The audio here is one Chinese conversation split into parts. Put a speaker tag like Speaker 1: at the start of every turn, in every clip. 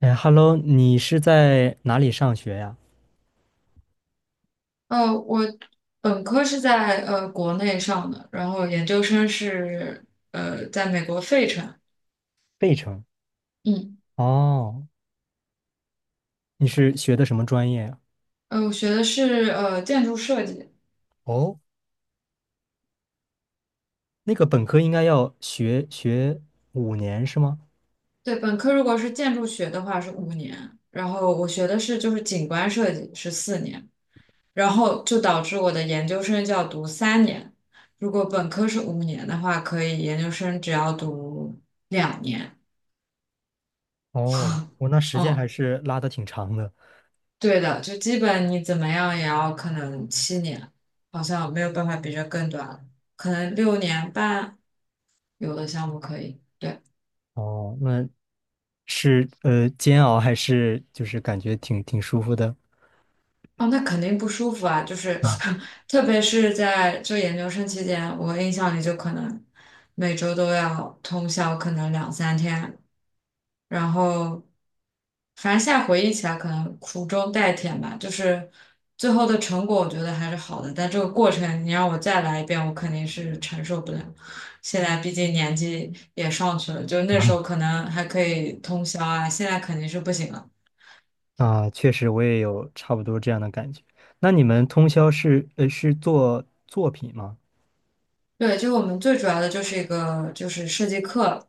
Speaker 1: 哎，Hello，你是在哪里上学呀？
Speaker 2: 我本科是在国内上的，然后研究生是在美国费城。
Speaker 1: 费城，
Speaker 2: 嗯，
Speaker 1: 哦，你是学的什么专业呀？
Speaker 2: 我学的是建筑设计。
Speaker 1: 哦，那个本科应该要学五年是吗？
Speaker 2: 对，本科如果是建筑学的话是五年，然后我学的是就是景观设计是4年，然后就导致我的研究生就要读三年。如果本科是五年的话，可以研究生只要读两年。
Speaker 1: 哦，我那 时间
Speaker 2: 嗯。
Speaker 1: 还是拉的挺长的。
Speaker 2: 对的，就基本你怎么样也要可能7年，好像没有办法比这更短了，可能6年半有的项目可以。对。
Speaker 1: 哦，那是煎熬还是就是感觉挺舒服的
Speaker 2: 哦，那肯定不舒服啊，就是
Speaker 1: 啊
Speaker 2: 特别是在就研究生期间，我印象里就可能每周都要通宵，可能两三天，然后反正现在回忆起来，可能苦中带甜吧，就是最后的成果，我觉得还是好的。但这个过程，你让我再来一遍，我肯定是承受不了。现在毕竟年纪也上去了，就那时候可能还可以通宵啊，现在肯定是不行了。
Speaker 1: 啊，确实我也有差不多这样的感觉。那你们通宵是是做作品吗？
Speaker 2: 对，就我们最主要的就是一个就是设计课，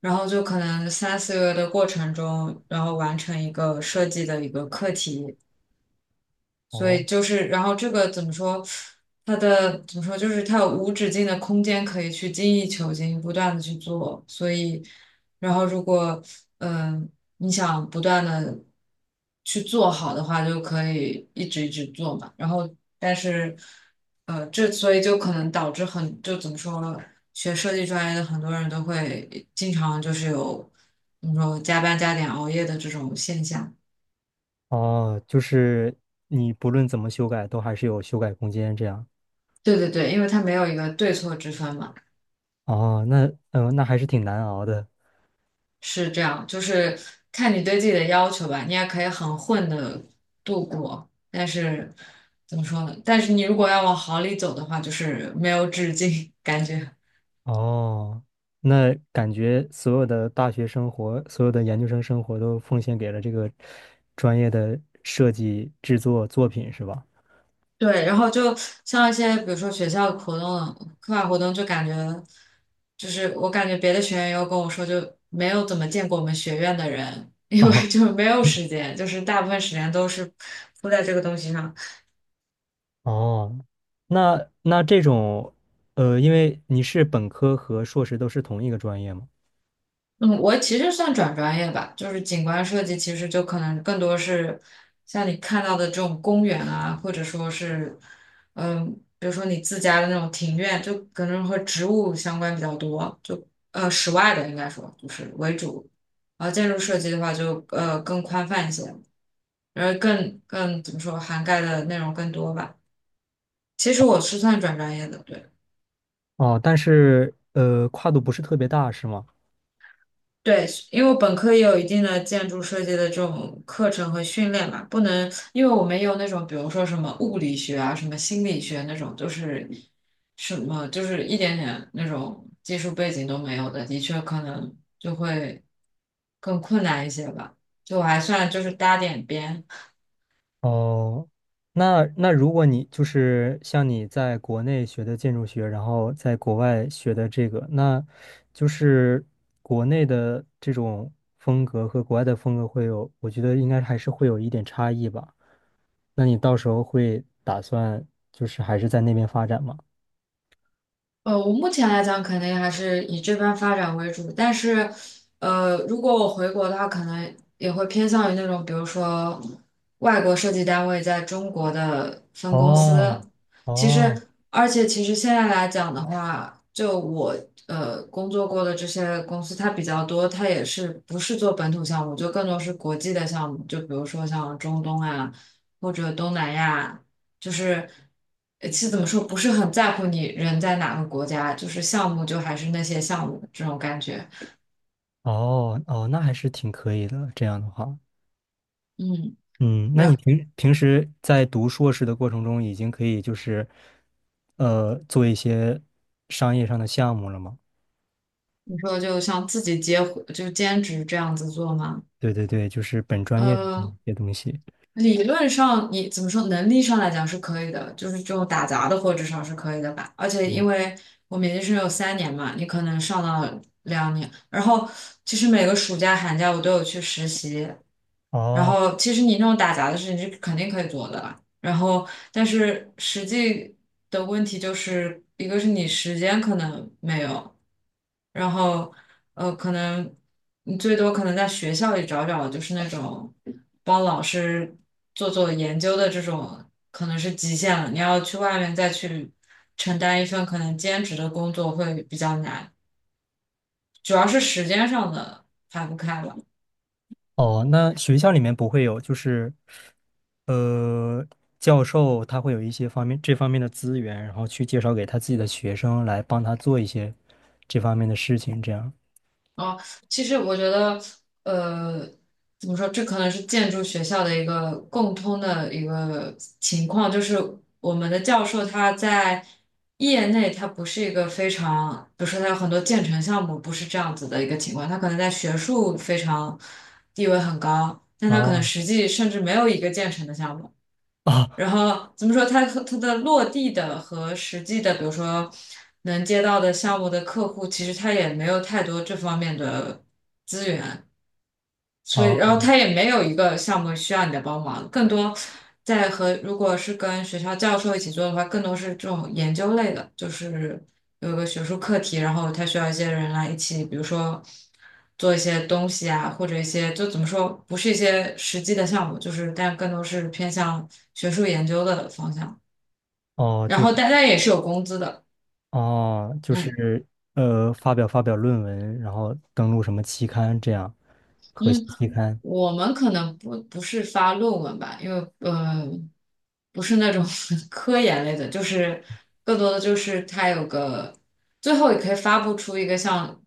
Speaker 2: 然后就可能三四个月的过程中，然后完成一个设计的一个课题，所以
Speaker 1: 哦。
Speaker 2: 就是，然后这个怎么说？它的怎么说？就是它有无止境的空间可以去精益求精，不断的去做。所以，然后如果嗯、呃你想不断的去做好的话，就可以一直一直做嘛。然后，但是这所以就可能导致很就怎么说，学设计专业的很多人都会经常就是有怎么说加班加点熬夜的这种现象。
Speaker 1: 哦，就是你不论怎么修改，都还是有修改空间这样。
Speaker 2: 对对对，因为它没有一个对错之分嘛。
Speaker 1: 哦，那那还是挺难熬的。
Speaker 2: 是这样，就是看你对自己的要求吧。你也可以很混的度过，但是怎么说呢？但是你如果要往好里走的话，就是没有止境，感觉。
Speaker 1: 哦，那感觉所有的大学生活，所有的研究生生活都奉献给了这个专业的设计制作作品，是吧？
Speaker 2: 对，然后就像一些比如说学校活动、课外活动，就感觉就是我感觉别的学员有跟我说，就没有怎么见过我们学院的人，因
Speaker 1: 哦
Speaker 2: 为就没有时间，就是大部分时间都是扑在这个东西上。
Speaker 1: 哦，那这种，呃，因为你是本科和硕士都是同一个专业吗？
Speaker 2: 嗯，我其实算转专业吧，就是景观设计，其实就可能更多是像你看到的这种公园啊，或者说是，嗯，比如说你自家的那种庭院，就可能和植物相关比较多，就室外的应该说就是为主，然后建筑设计的话就更宽泛一些，然后更怎么说涵盖的内容更多吧。其实我是算转专业的，对。
Speaker 1: 哦，但是呃，跨度不是特别大，是吗？
Speaker 2: 对，因为我本科也有一定的建筑设计的这种课程和训练嘛，不能，因为我们有那种，比如说什么物理学啊、什么心理学那种，就是什么就是一点点那种技术背景都没有的，的确可能就会更困难一些吧。就我还算就是搭点边。
Speaker 1: 哦，那如果你就是像你在国内学的建筑学，然后在国外学的这个，那就是国内的这种风格和国外的风格会有，我觉得应该还是会有一点差异吧。那你到时候会打算就是还是在那边发展吗？
Speaker 2: 我目前来讲，肯定还是以这边发展为主。但是，如果我回国的话，可能也会偏向于那种，比如说外国设计单位在中国的分公
Speaker 1: 哦，
Speaker 2: 司。其
Speaker 1: 哦，
Speaker 2: 实，而且其实现在来讲的话，就我工作过的这些公司，它比较多，它也是不是做本土项目，就更多是国际的项目，就比如说像中东啊，或者东南亚。就是其实怎么说，不是很在乎你人在哪个国家，就是项目就还是那些项目这种感觉。
Speaker 1: 哦，哦，那还是挺可以的，这样的话。
Speaker 2: 嗯，
Speaker 1: 嗯，那你
Speaker 2: 然
Speaker 1: 平时在读硕士的过程中，已经可以就是，呃，做一些商业上的项目了吗？
Speaker 2: 你说就像自己接活就兼职这样子做吗？
Speaker 1: 对对对，就是本专业的这
Speaker 2: 呃，
Speaker 1: 些东西。
Speaker 2: 理论上你怎么说，能力上来讲是可以的，就是这种打杂的或至少是可以的吧。而且因为我们研究生有三年嘛，你可能上到两年，然后其实每个暑假寒假我都有去实习。然
Speaker 1: 哦
Speaker 2: 后，其实你那种打杂的事情是肯定可以做的，然后，但是实际的问题就是一个是你时间可能没有，然后可能你最多可能在学校里找找，就是那种帮老师做做研究的这种，可能是极限了。你要去外面再去承担一份可能兼职的工作会比较难，主要是时间上的排不开了。
Speaker 1: 哦，那学校里面不会有，就是，呃，教授他会有一些方面这方面的资源，然后去介绍给他自己的学生来帮他做一些这方面的事情，这样。
Speaker 2: 哦，其实我觉得，呃，怎么说，这可能是建筑学校的一个共通的一个情况，就是我们的教授他在业内他不是一个非常，比如说他有很多建成项目不是这样子的一个情况，他可能在学术非常地位很高，但他可能
Speaker 1: 哦
Speaker 2: 实际甚至没有一个建成的项目。
Speaker 1: 哦
Speaker 2: 然后怎么说，它和它的落地的和实际的，比如说能接到的项目的客户，其实他也没有太多这方面的，资源。所以，
Speaker 1: 哦
Speaker 2: 然后他也没有一个项目需要你的帮忙，更多在和如果是跟学校教授一起做的话，更多是这种研究类的，就是有一个学术课题，然后他需要一些人来一起，比如说做一些东西啊，或者一些就怎么说，不是一些实际的项目，就是但更多是偏向学术研究的方向。
Speaker 1: 哦，
Speaker 2: 然
Speaker 1: 就是。
Speaker 2: 后大家也是有工资的，
Speaker 1: 哦，就
Speaker 2: 嗯
Speaker 1: 是呃，发表论文，然后登录什么期刊这样，核心
Speaker 2: 嗯。
Speaker 1: 期刊。
Speaker 2: 我们可能不是发论文吧，因为呃不是那种 科研类的，就是更多的就是它有个最后也可以发布出一个像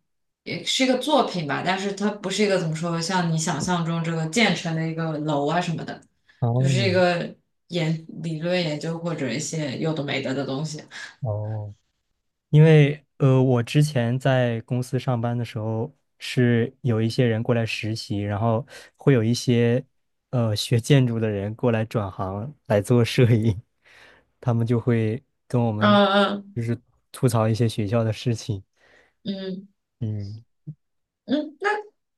Speaker 2: 也是一个作品吧，但是它不是一个怎么说，像你想象中这个建成的一个楼啊什么的，就是
Speaker 1: 哦
Speaker 2: 一个理论研究或者一些有的没的的东西。
Speaker 1: 哦，因为呃，我之前在公司上班的时候，是有一些人过来实习，然后会有一些呃学建筑的人过来转行来做摄影，他们就会跟我们
Speaker 2: 嗯嗯，
Speaker 1: 就是吐槽一些学校的事情。
Speaker 2: 嗯
Speaker 1: 嗯。
Speaker 2: 嗯，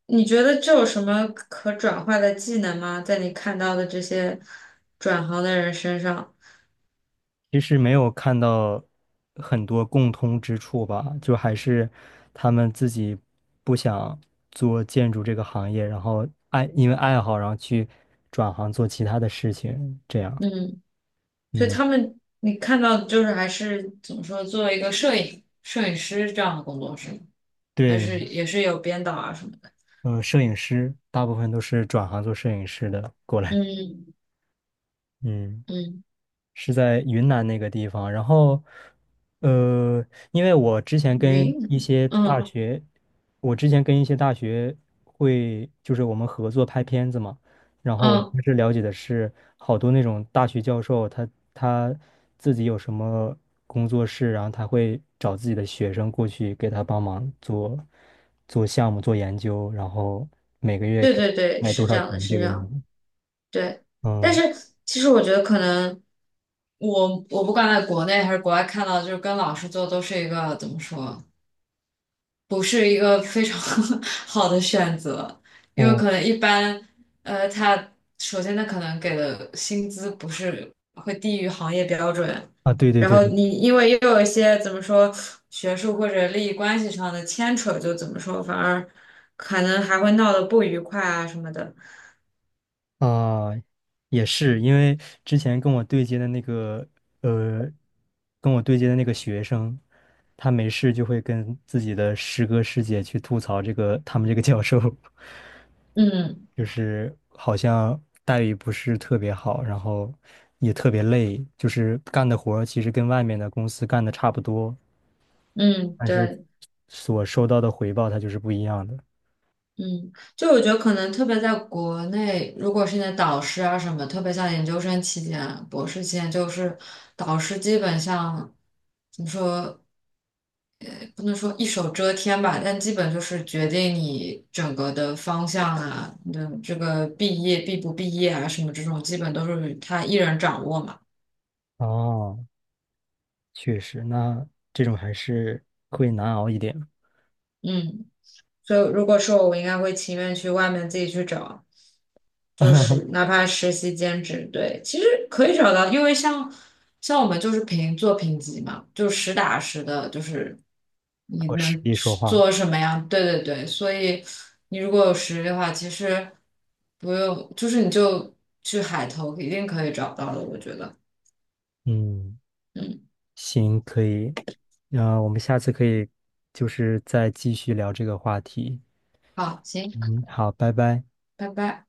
Speaker 2: 你觉得这有什么可转化的技能吗？在你看到的这些转行的人身上，
Speaker 1: 其实没有看到很多共通之处吧，就还是他们自己不想做建筑这个行业，然后爱，因为爱好，然后去转行做其他的事情，这样。
Speaker 2: 嗯，所以
Speaker 1: 嗯，
Speaker 2: 他们你看到的就是还是怎么说，作为一个摄影师这样的工作是吗？还
Speaker 1: 对，
Speaker 2: 是也是有编导啊什么的？
Speaker 1: 呃，摄影师大部分都是转行做摄影师的过来。
Speaker 2: 嗯
Speaker 1: 嗯。
Speaker 2: 嗯，
Speaker 1: 是在云南那个地方。然后，呃，因为我之前跟
Speaker 2: 云，
Speaker 1: 一些大嗯
Speaker 2: 嗯
Speaker 1: 学，我之前跟一些大学会，就是我们合作拍片子嘛。然后我
Speaker 2: 嗯，
Speaker 1: 当时了解的是，好多那种大学教授他，他自己有什么工作室，然后他会找自己的学生过去给他帮忙做做项目、做研究，然后每个月
Speaker 2: 对
Speaker 1: 给
Speaker 2: 对对，
Speaker 1: 卖
Speaker 2: 是
Speaker 1: 多
Speaker 2: 这
Speaker 1: 少
Speaker 2: 样的，
Speaker 1: 钱
Speaker 2: 是
Speaker 1: 这
Speaker 2: 这
Speaker 1: 个
Speaker 2: 样
Speaker 1: 样
Speaker 2: 的，
Speaker 1: 子。
Speaker 2: 对。但是
Speaker 1: 嗯
Speaker 2: 其实我觉得可能我不管在国内还是国外看到，就是跟老师做都是一个怎么说？不是一个非常 好的选择，因为
Speaker 1: 嗯
Speaker 2: 可能一般，他首先他可能给的薪资不是会低于行业标准，
Speaker 1: 啊，对对
Speaker 2: 然
Speaker 1: 对
Speaker 2: 后
Speaker 1: 对。
Speaker 2: 你因为又有一些怎么说学术或者利益关系上的牵扯，就怎么说反而可能还会闹得不愉快啊什么的。
Speaker 1: 啊，也是，因为之前跟我对接的那个，呃，跟我对接的那个学生，他没事就会跟自己的师哥师姐去吐槽这个他们这个教授，
Speaker 2: 嗯
Speaker 1: 就是好像待遇不是特别好，然后也特别累，就是干的活儿其实跟外面的公司干的差不多，
Speaker 2: 嗯，
Speaker 1: 但是
Speaker 2: 对。
Speaker 1: 所收到的回报它就是不一样的。
Speaker 2: 嗯，就我觉得可能特别在国内，如果是你的导师啊什么，特别像研究生期间、博士期间，就是导师基本上怎么说，哎不能说一手遮天吧，但基本就是决定你整个的方向啊，你的这个毕业毕不毕业啊什么这种，基本都是他一人掌握嘛。
Speaker 1: 哦，确实，那这种还是会难熬一点。
Speaker 2: 嗯。所以如果说我，我应该会情愿去外面自己去找，就是 哪怕实习兼职，对，其实可以找到，因为像我们就是评做评级嘛，就实打实的，就是你
Speaker 1: 我实
Speaker 2: 能
Speaker 1: 地说话。
Speaker 2: 做什么样，对对对，所以你如果有实力的话，其实不用，就是你就去海投，一定可以找到的，我觉得。
Speaker 1: 嗯，
Speaker 2: 嗯，
Speaker 1: 行，可以。那我们下次可以就是再继续聊这个话题。
Speaker 2: 好，行，
Speaker 1: 嗯，好，拜拜。
Speaker 2: 拜拜。